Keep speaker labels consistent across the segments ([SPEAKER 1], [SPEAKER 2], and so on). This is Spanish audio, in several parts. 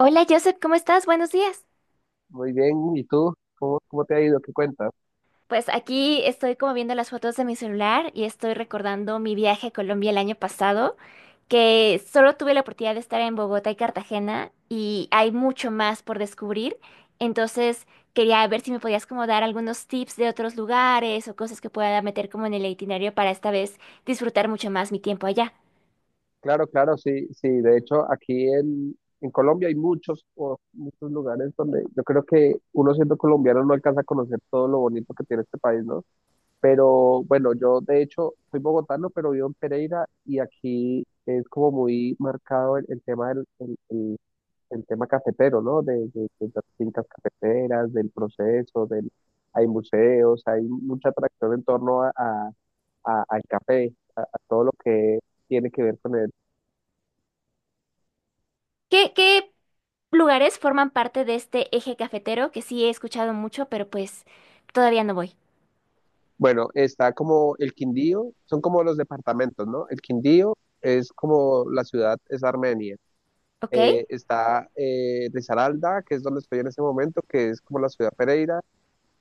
[SPEAKER 1] Hola Joseph, ¿cómo estás? Buenos días.
[SPEAKER 2] Muy bien, ¿y tú? ¿Cómo te ha ido? ¿Qué cuentas?
[SPEAKER 1] Pues aquí estoy como viendo las fotos de mi celular y estoy recordando mi viaje a Colombia el año pasado, que solo tuve la oportunidad de estar en Bogotá y Cartagena y hay mucho más por descubrir. Entonces quería ver si me podías como dar algunos tips de otros lugares o cosas que pueda meter como en el itinerario para esta vez disfrutar mucho más mi tiempo allá.
[SPEAKER 2] Claro, claro, sí, sí. De hecho, en Colombia hay muchos, o muchos lugares donde yo creo que uno siendo colombiano no alcanza a conocer todo lo bonito que tiene este país, ¿no? Pero bueno, yo de hecho soy bogotano, pero vivo en Pereira y aquí es como muy marcado el tema del el tema cafetero, ¿no? De las fincas cafeteras, del proceso, del, hay museos, hay mucha atracción en torno al café, a todo lo que tiene que ver con él.
[SPEAKER 1] ¿Qué lugares forman parte de este eje cafetero que sí he escuchado mucho, pero pues todavía no voy?
[SPEAKER 2] Bueno, está como el Quindío, son como los departamentos, ¿no? El Quindío es como la ciudad, es Armenia.
[SPEAKER 1] ¿Ok?
[SPEAKER 2] Está Risaralda, que es donde estoy en ese momento, que es como la ciudad Pereira.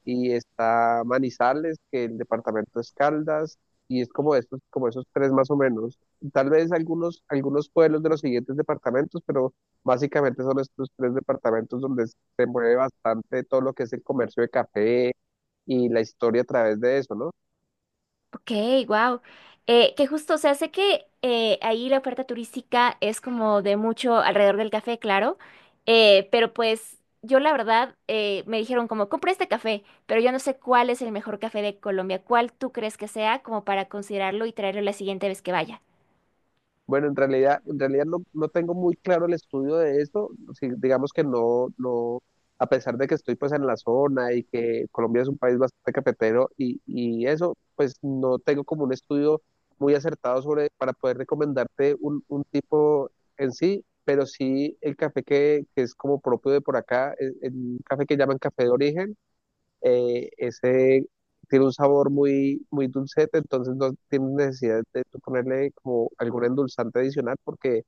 [SPEAKER 2] Y está Manizales, que el departamento es Caldas, y es como estos como esos tres más o menos. Tal vez algunos, algunos pueblos de los siguientes departamentos, pero básicamente son estos tres departamentos donde se mueve bastante todo lo que es el comercio de café y la historia a través de eso, ¿no?
[SPEAKER 1] Ok, wow. Que justo, o sea, sé que ahí la oferta turística es como de mucho alrededor del café, claro, pero pues yo la verdad me dijeron como, compré este café, pero yo no sé cuál es el mejor café de Colombia, cuál tú crees que sea como para considerarlo y traerlo la siguiente vez que vaya.
[SPEAKER 2] Bueno, en realidad no, no tengo muy claro el estudio de eso. Sí, digamos que no, no, a pesar de que estoy pues en la zona y que Colombia es un país bastante cafetero y eso, pues no tengo como un estudio muy acertado sobre para poder recomendarte un tipo en sí, pero sí el café que es como propio de por acá, es, el café que llaman café de origen. Ese tiene un sabor muy, muy dulcete, entonces no tienes necesidad de tú ponerle como algún endulzante adicional porque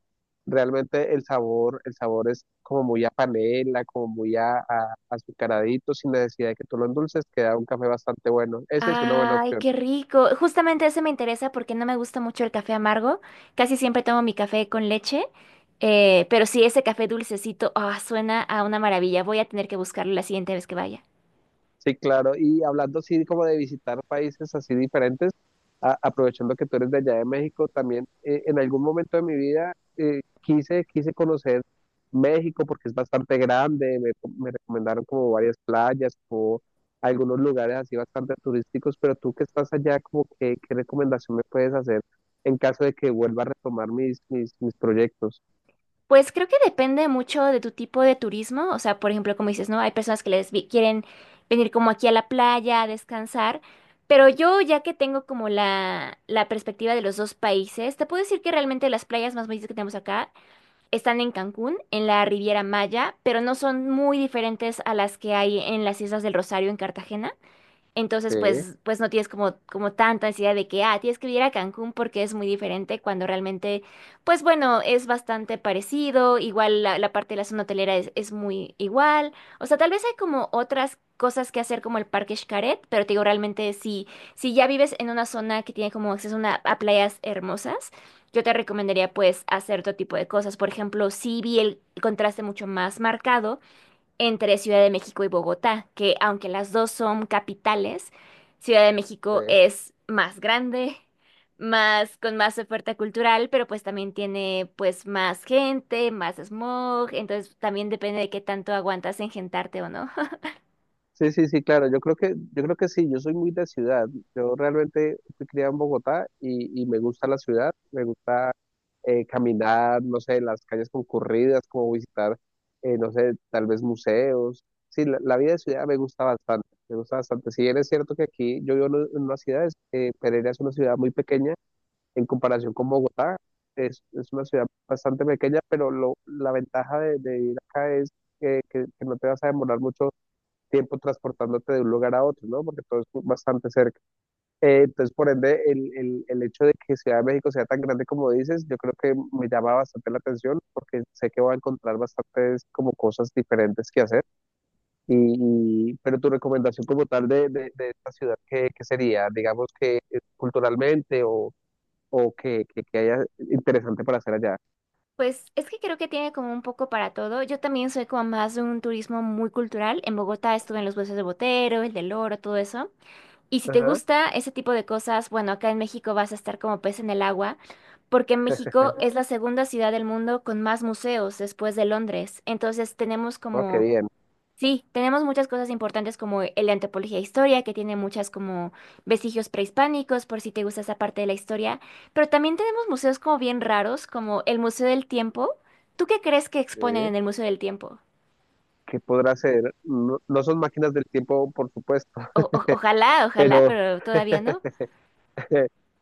[SPEAKER 2] realmente el sabor es como muy a panela, como muy azucaradito, sin necesidad de que tú lo endulces, queda un café bastante bueno. Esa es una buena
[SPEAKER 1] Ay,
[SPEAKER 2] opción.
[SPEAKER 1] qué rico. Justamente ese me interesa porque no me gusta mucho el café amargo. Casi siempre tomo mi café con leche. Pero sí, ese café dulcecito, ah, suena a una maravilla. Voy a tener que buscarlo la siguiente vez que vaya.
[SPEAKER 2] Sí, claro. Y hablando así como de visitar países así diferentes, aprovechando que tú eres de allá de México, también en algún momento de mi vida quise conocer México porque es bastante grande, me recomendaron como varias playas, como algunos lugares así bastante turísticos, pero tú que estás allá, como que, ¿qué recomendación me puedes hacer en caso de que vuelva a retomar mis proyectos?
[SPEAKER 1] Pues creo que depende mucho de tu tipo de turismo, o sea, por ejemplo, como dices, ¿no? Hay personas que quieren venir como aquí a la playa a descansar, pero yo ya que tengo como la perspectiva de los dos países, te puedo decir que realmente las playas más bonitas que tenemos acá están en Cancún, en la Riviera Maya, pero no son muy diferentes a las que hay en las Islas del Rosario, en Cartagena. Entonces,
[SPEAKER 2] Sí,
[SPEAKER 1] pues, no tienes como, como tanta ansiedad de que, ah, tienes que ir a Cancún porque es muy diferente cuando realmente, pues bueno, es bastante parecido, igual la parte de la zona hotelera es muy igual, o sea, tal vez hay como otras cosas que hacer como el Parque Xcaret, pero te digo, realmente si ya vives en una zona que tiene como acceso a, a playas hermosas, yo te recomendaría pues hacer todo tipo de cosas, por ejemplo, sí vi el contraste mucho más marcado entre Ciudad de México y Bogotá, que aunque las dos son capitales, Ciudad de México
[SPEAKER 2] sí.
[SPEAKER 1] es más grande, más con más oferta cultural, pero pues también tiene pues más gente, más smog, entonces también depende de qué tanto aguantas engentarte o no.
[SPEAKER 2] Sí, sí, sí, claro. Yo creo que sí, yo soy muy de ciudad. Yo realmente fui criado en Bogotá y me gusta la ciudad, me gusta caminar, no sé, las calles concurridas, como visitar, no sé, tal vez museos. Sí, la vida de ciudad me gusta bastante, me gusta bastante. Si bien es cierto que aquí yo vivo en en una ciudad, Pereira es una ciudad muy pequeña en comparación con Bogotá. Es una ciudad bastante pequeña, pero lo, la ventaja de vivir acá es que, que no te vas a demorar mucho tiempo transportándote de un lugar a otro, ¿no? Porque todo es bastante cerca. Entonces, por ende, el hecho de que Ciudad de México sea tan grande como dices, yo creo que me llama bastante la atención porque sé que voy a encontrar bastantes como cosas diferentes que hacer. Pero tu recomendación como tal de esta ciudad, ¿qué, qué sería? Digamos que culturalmente o que, que haya interesante para hacer allá.
[SPEAKER 1] Pues es que creo que tiene como un poco para todo. Yo también soy como más de un turismo muy cultural. En Bogotá estuve en los Buesos de Botero, el del Oro, todo eso. Y si te
[SPEAKER 2] Ajá,
[SPEAKER 1] gusta ese tipo de cosas, bueno, acá en México vas a estar como pez en el agua, porque México es la segunda ciudad del mundo con más museos después de Londres. Entonces tenemos
[SPEAKER 2] oh, qué
[SPEAKER 1] como,
[SPEAKER 2] bien.
[SPEAKER 1] sí, tenemos muchas cosas importantes como el de antropología e historia, que tiene muchas como vestigios prehispánicos, por si te gusta esa parte de la historia. Pero también tenemos museos como bien raros, como el Museo del Tiempo. ¿Tú qué crees que exponen
[SPEAKER 2] Eh,
[SPEAKER 1] en el Museo del Tiempo?
[SPEAKER 2] ¿Qué podrá hacer? No, no son máquinas del tiempo, por supuesto,
[SPEAKER 1] Ojalá, ojalá,
[SPEAKER 2] pero...
[SPEAKER 1] pero todavía no.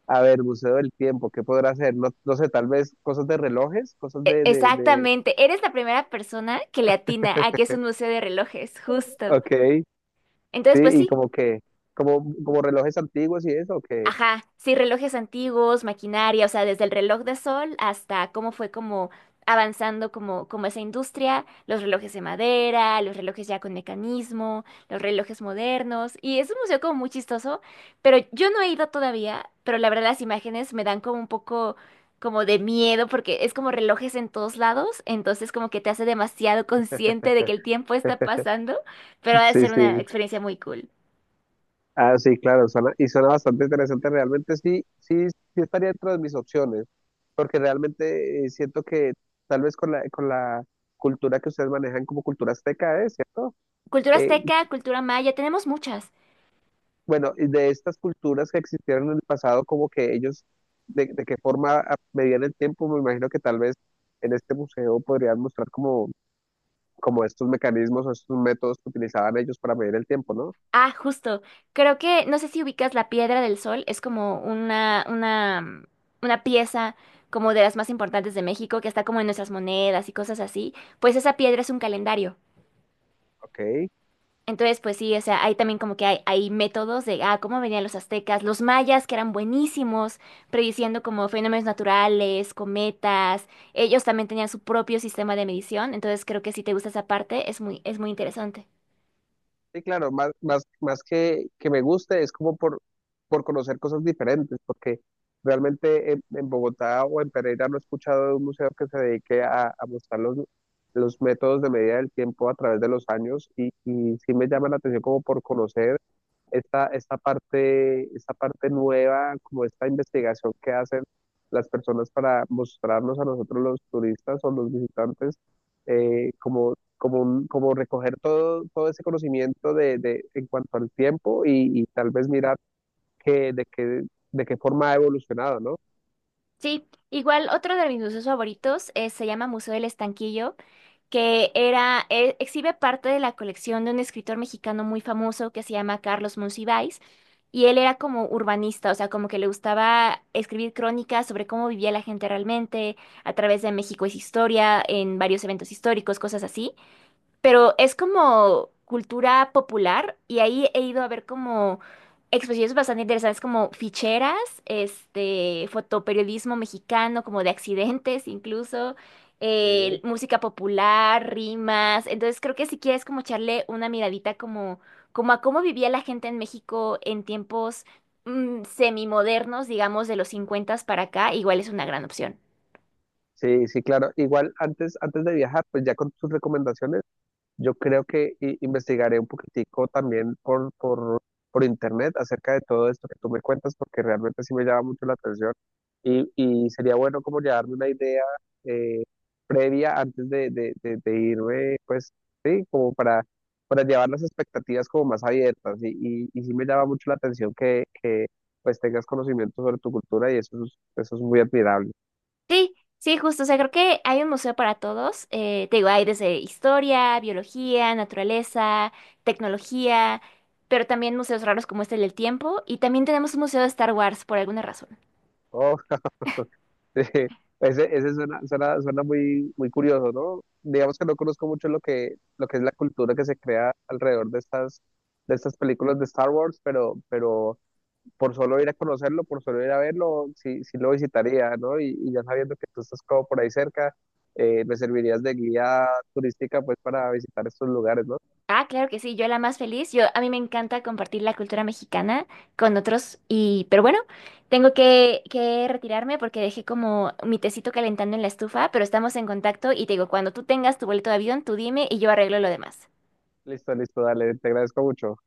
[SPEAKER 2] A ver, Museo del Tiempo, ¿qué podrá hacer? No, no sé, tal vez cosas de relojes, cosas de...
[SPEAKER 1] Exactamente, eres la primera persona que le atina a que es un museo de relojes, justo.
[SPEAKER 2] Ok, sí,
[SPEAKER 1] Entonces, pues
[SPEAKER 2] y
[SPEAKER 1] sí.
[SPEAKER 2] como que, como, como relojes antiguos y eso, que...
[SPEAKER 1] Ajá, sí, relojes antiguos, maquinaria, o sea, desde el reloj de sol hasta cómo fue como avanzando como, como esa industria, los relojes de madera, los relojes ya con mecanismo, los relojes modernos, y es un museo como muy chistoso, pero yo no he ido todavía, pero la verdad las imágenes me dan como un poco como de miedo porque es como relojes en todos lados, entonces como que te hace demasiado consciente de que el tiempo está pasando, pero ha de
[SPEAKER 2] Sí,
[SPEAKER 1] ser una
[SPEAKER 2] sí.
[SPEAKER 1] experiencia muy cool.
[SPEAKER 2] Ah, sí, claro, suena, y suena bastante interesante. Realmente sí, sí, sí estaría dentro de mis opciones, porque realmente siento que tal vez con la cultura que ustedes manejan como cultura azteca, ¿eh? ¿Cierto?
[SPEAKER 1] Cultura
[SPEAKER 2] Eh,
[SPEAKER 1] azteca, cultura maya, tenemos muchas.
[SPEAKER 2] bueno, y de estas culturas que existieron en el pasado, como que ellos, de qué forma medían el tiempo, me imagino que tal vez en este museo podrían mostrar como, como estos mecanismos o estos métodos que utilizaban ellos para medir el tiempo, ¿no?
[SPEAKER 1] Ah, justo. Creo que, no sé si ubicas la Piedra del Sol, es como una pieza como de las más importantes de México, que está como en nuestras monedas y cosas así. Pues esa piedra es un calendario.
[SPEAKER 2] Ok.
[SPEAKER 1] Entonces, pues sí, o sea, hay también como que hay métodos de, ah, cómo venían los aztecas, los mayas, que eran buenísimos, prediciendo como fenómenos naturales, cometas. Ellos también tenían su propio sistema de medición. Entonces, creo que si te gusta esa parte, es muy interesante.
[SPEAKER 2] Sí, claro, más, más, más que me guste es como por conocer cosas diferentes, porque realmente en Bogotá o en Pereira no he escuchado de un museo que se dedique a mostrar los métodos de medida del tiempo a través de los años y sí me llama la atención como por conocer esta, esta parte nueva, como esta investigación que hacen las personas para mostrarnos a nosotros los turistas o los visitantes, como, como, como recoger todo, todo ese conocimiento de, en cuanto al tiempo y tal vez mirar que, de qué forma ha evolucionado, ¿no?
[SPEAKER 1] Sí, igual otro de mis museos favoritos se llama Museo del Estanquillo, que era, exhibe parte de la colección de un escritor mexicano muy famoso que se llama Carlos Monsiváis, y él era como urbanista, o sea, como que le gustaba escribir crónicas sobre cómo vivía la gente realmente, a través de México es historia, en varios eventos históricos, cosas así, pero es como cultura popular y ahí he ido a ver como exposiciones bastante interesantes como ficheras, este, fotoperiodismo mexicano, como de accidentes incluso,
[SPEAKER 2] Sí.
[SPEAKER 1] música popular, rimas. Entonces creo que si quieres como echarle una miradita como, como a cómo vivía la gente en México en tiempos semimodernos, digamos, de los 50 para acá, igual es una gran opción.
[SPEAKER 2] Sí, sí, claro. Igual antes, antes de viajar, pues ya con tus recomendaciones. Yo creo que investigaré un poquitico también por internet acerca de todo esto que tú me cuentas, porque realmente sí me llama mucho la atención y sería bueno como llevarme una idea eh, previa antes de irme, pues sí, como para llevar las expectativas como más abiertas y sí me llama mucho la atención que pues tengas conocimiento sobre tu cultura y eso es muy admirable.
[SPEAKER 1] Sí, sí, justo. O sea, creo que hay un museo para todos. Te digo, hay desde historia, biología, naturaleza, tecnología, pero también museos raros como este del tiempo. Y también tenemos un museo de Star Wars por alguna razón.
[SPEAKER 2] Oh, sí, ese suena, suena, suena muy, muy curioso, ¿no? Digamos que no conozco mucho lo que es la cultura que se crea alrededor de estas películas de Star Wars, pero por solo ir a conocerlo, por solo ir a verlo, sí, sí lo visitaría, ¿no? Y ya sabiendo que tú estás como por ahí cerca, me servirías de guía turística pues para visitar estos lugares, ¿no?
[SPEAKER 1] Ah, claro que sí, yo la más feliz. Yo, a mí me encanta compartir la cultura mexicana con otros. Y, pero bueno, tengo que retirarme porque dejé como mi tecito calentando en la estufa, pero estamos en contacto y te digo, cuando tú tengas tu boleto de avión, tú dime y yo arreglo lo demás.
[SPEAKER 2] Listo, listo, dale, te agradezco mucho.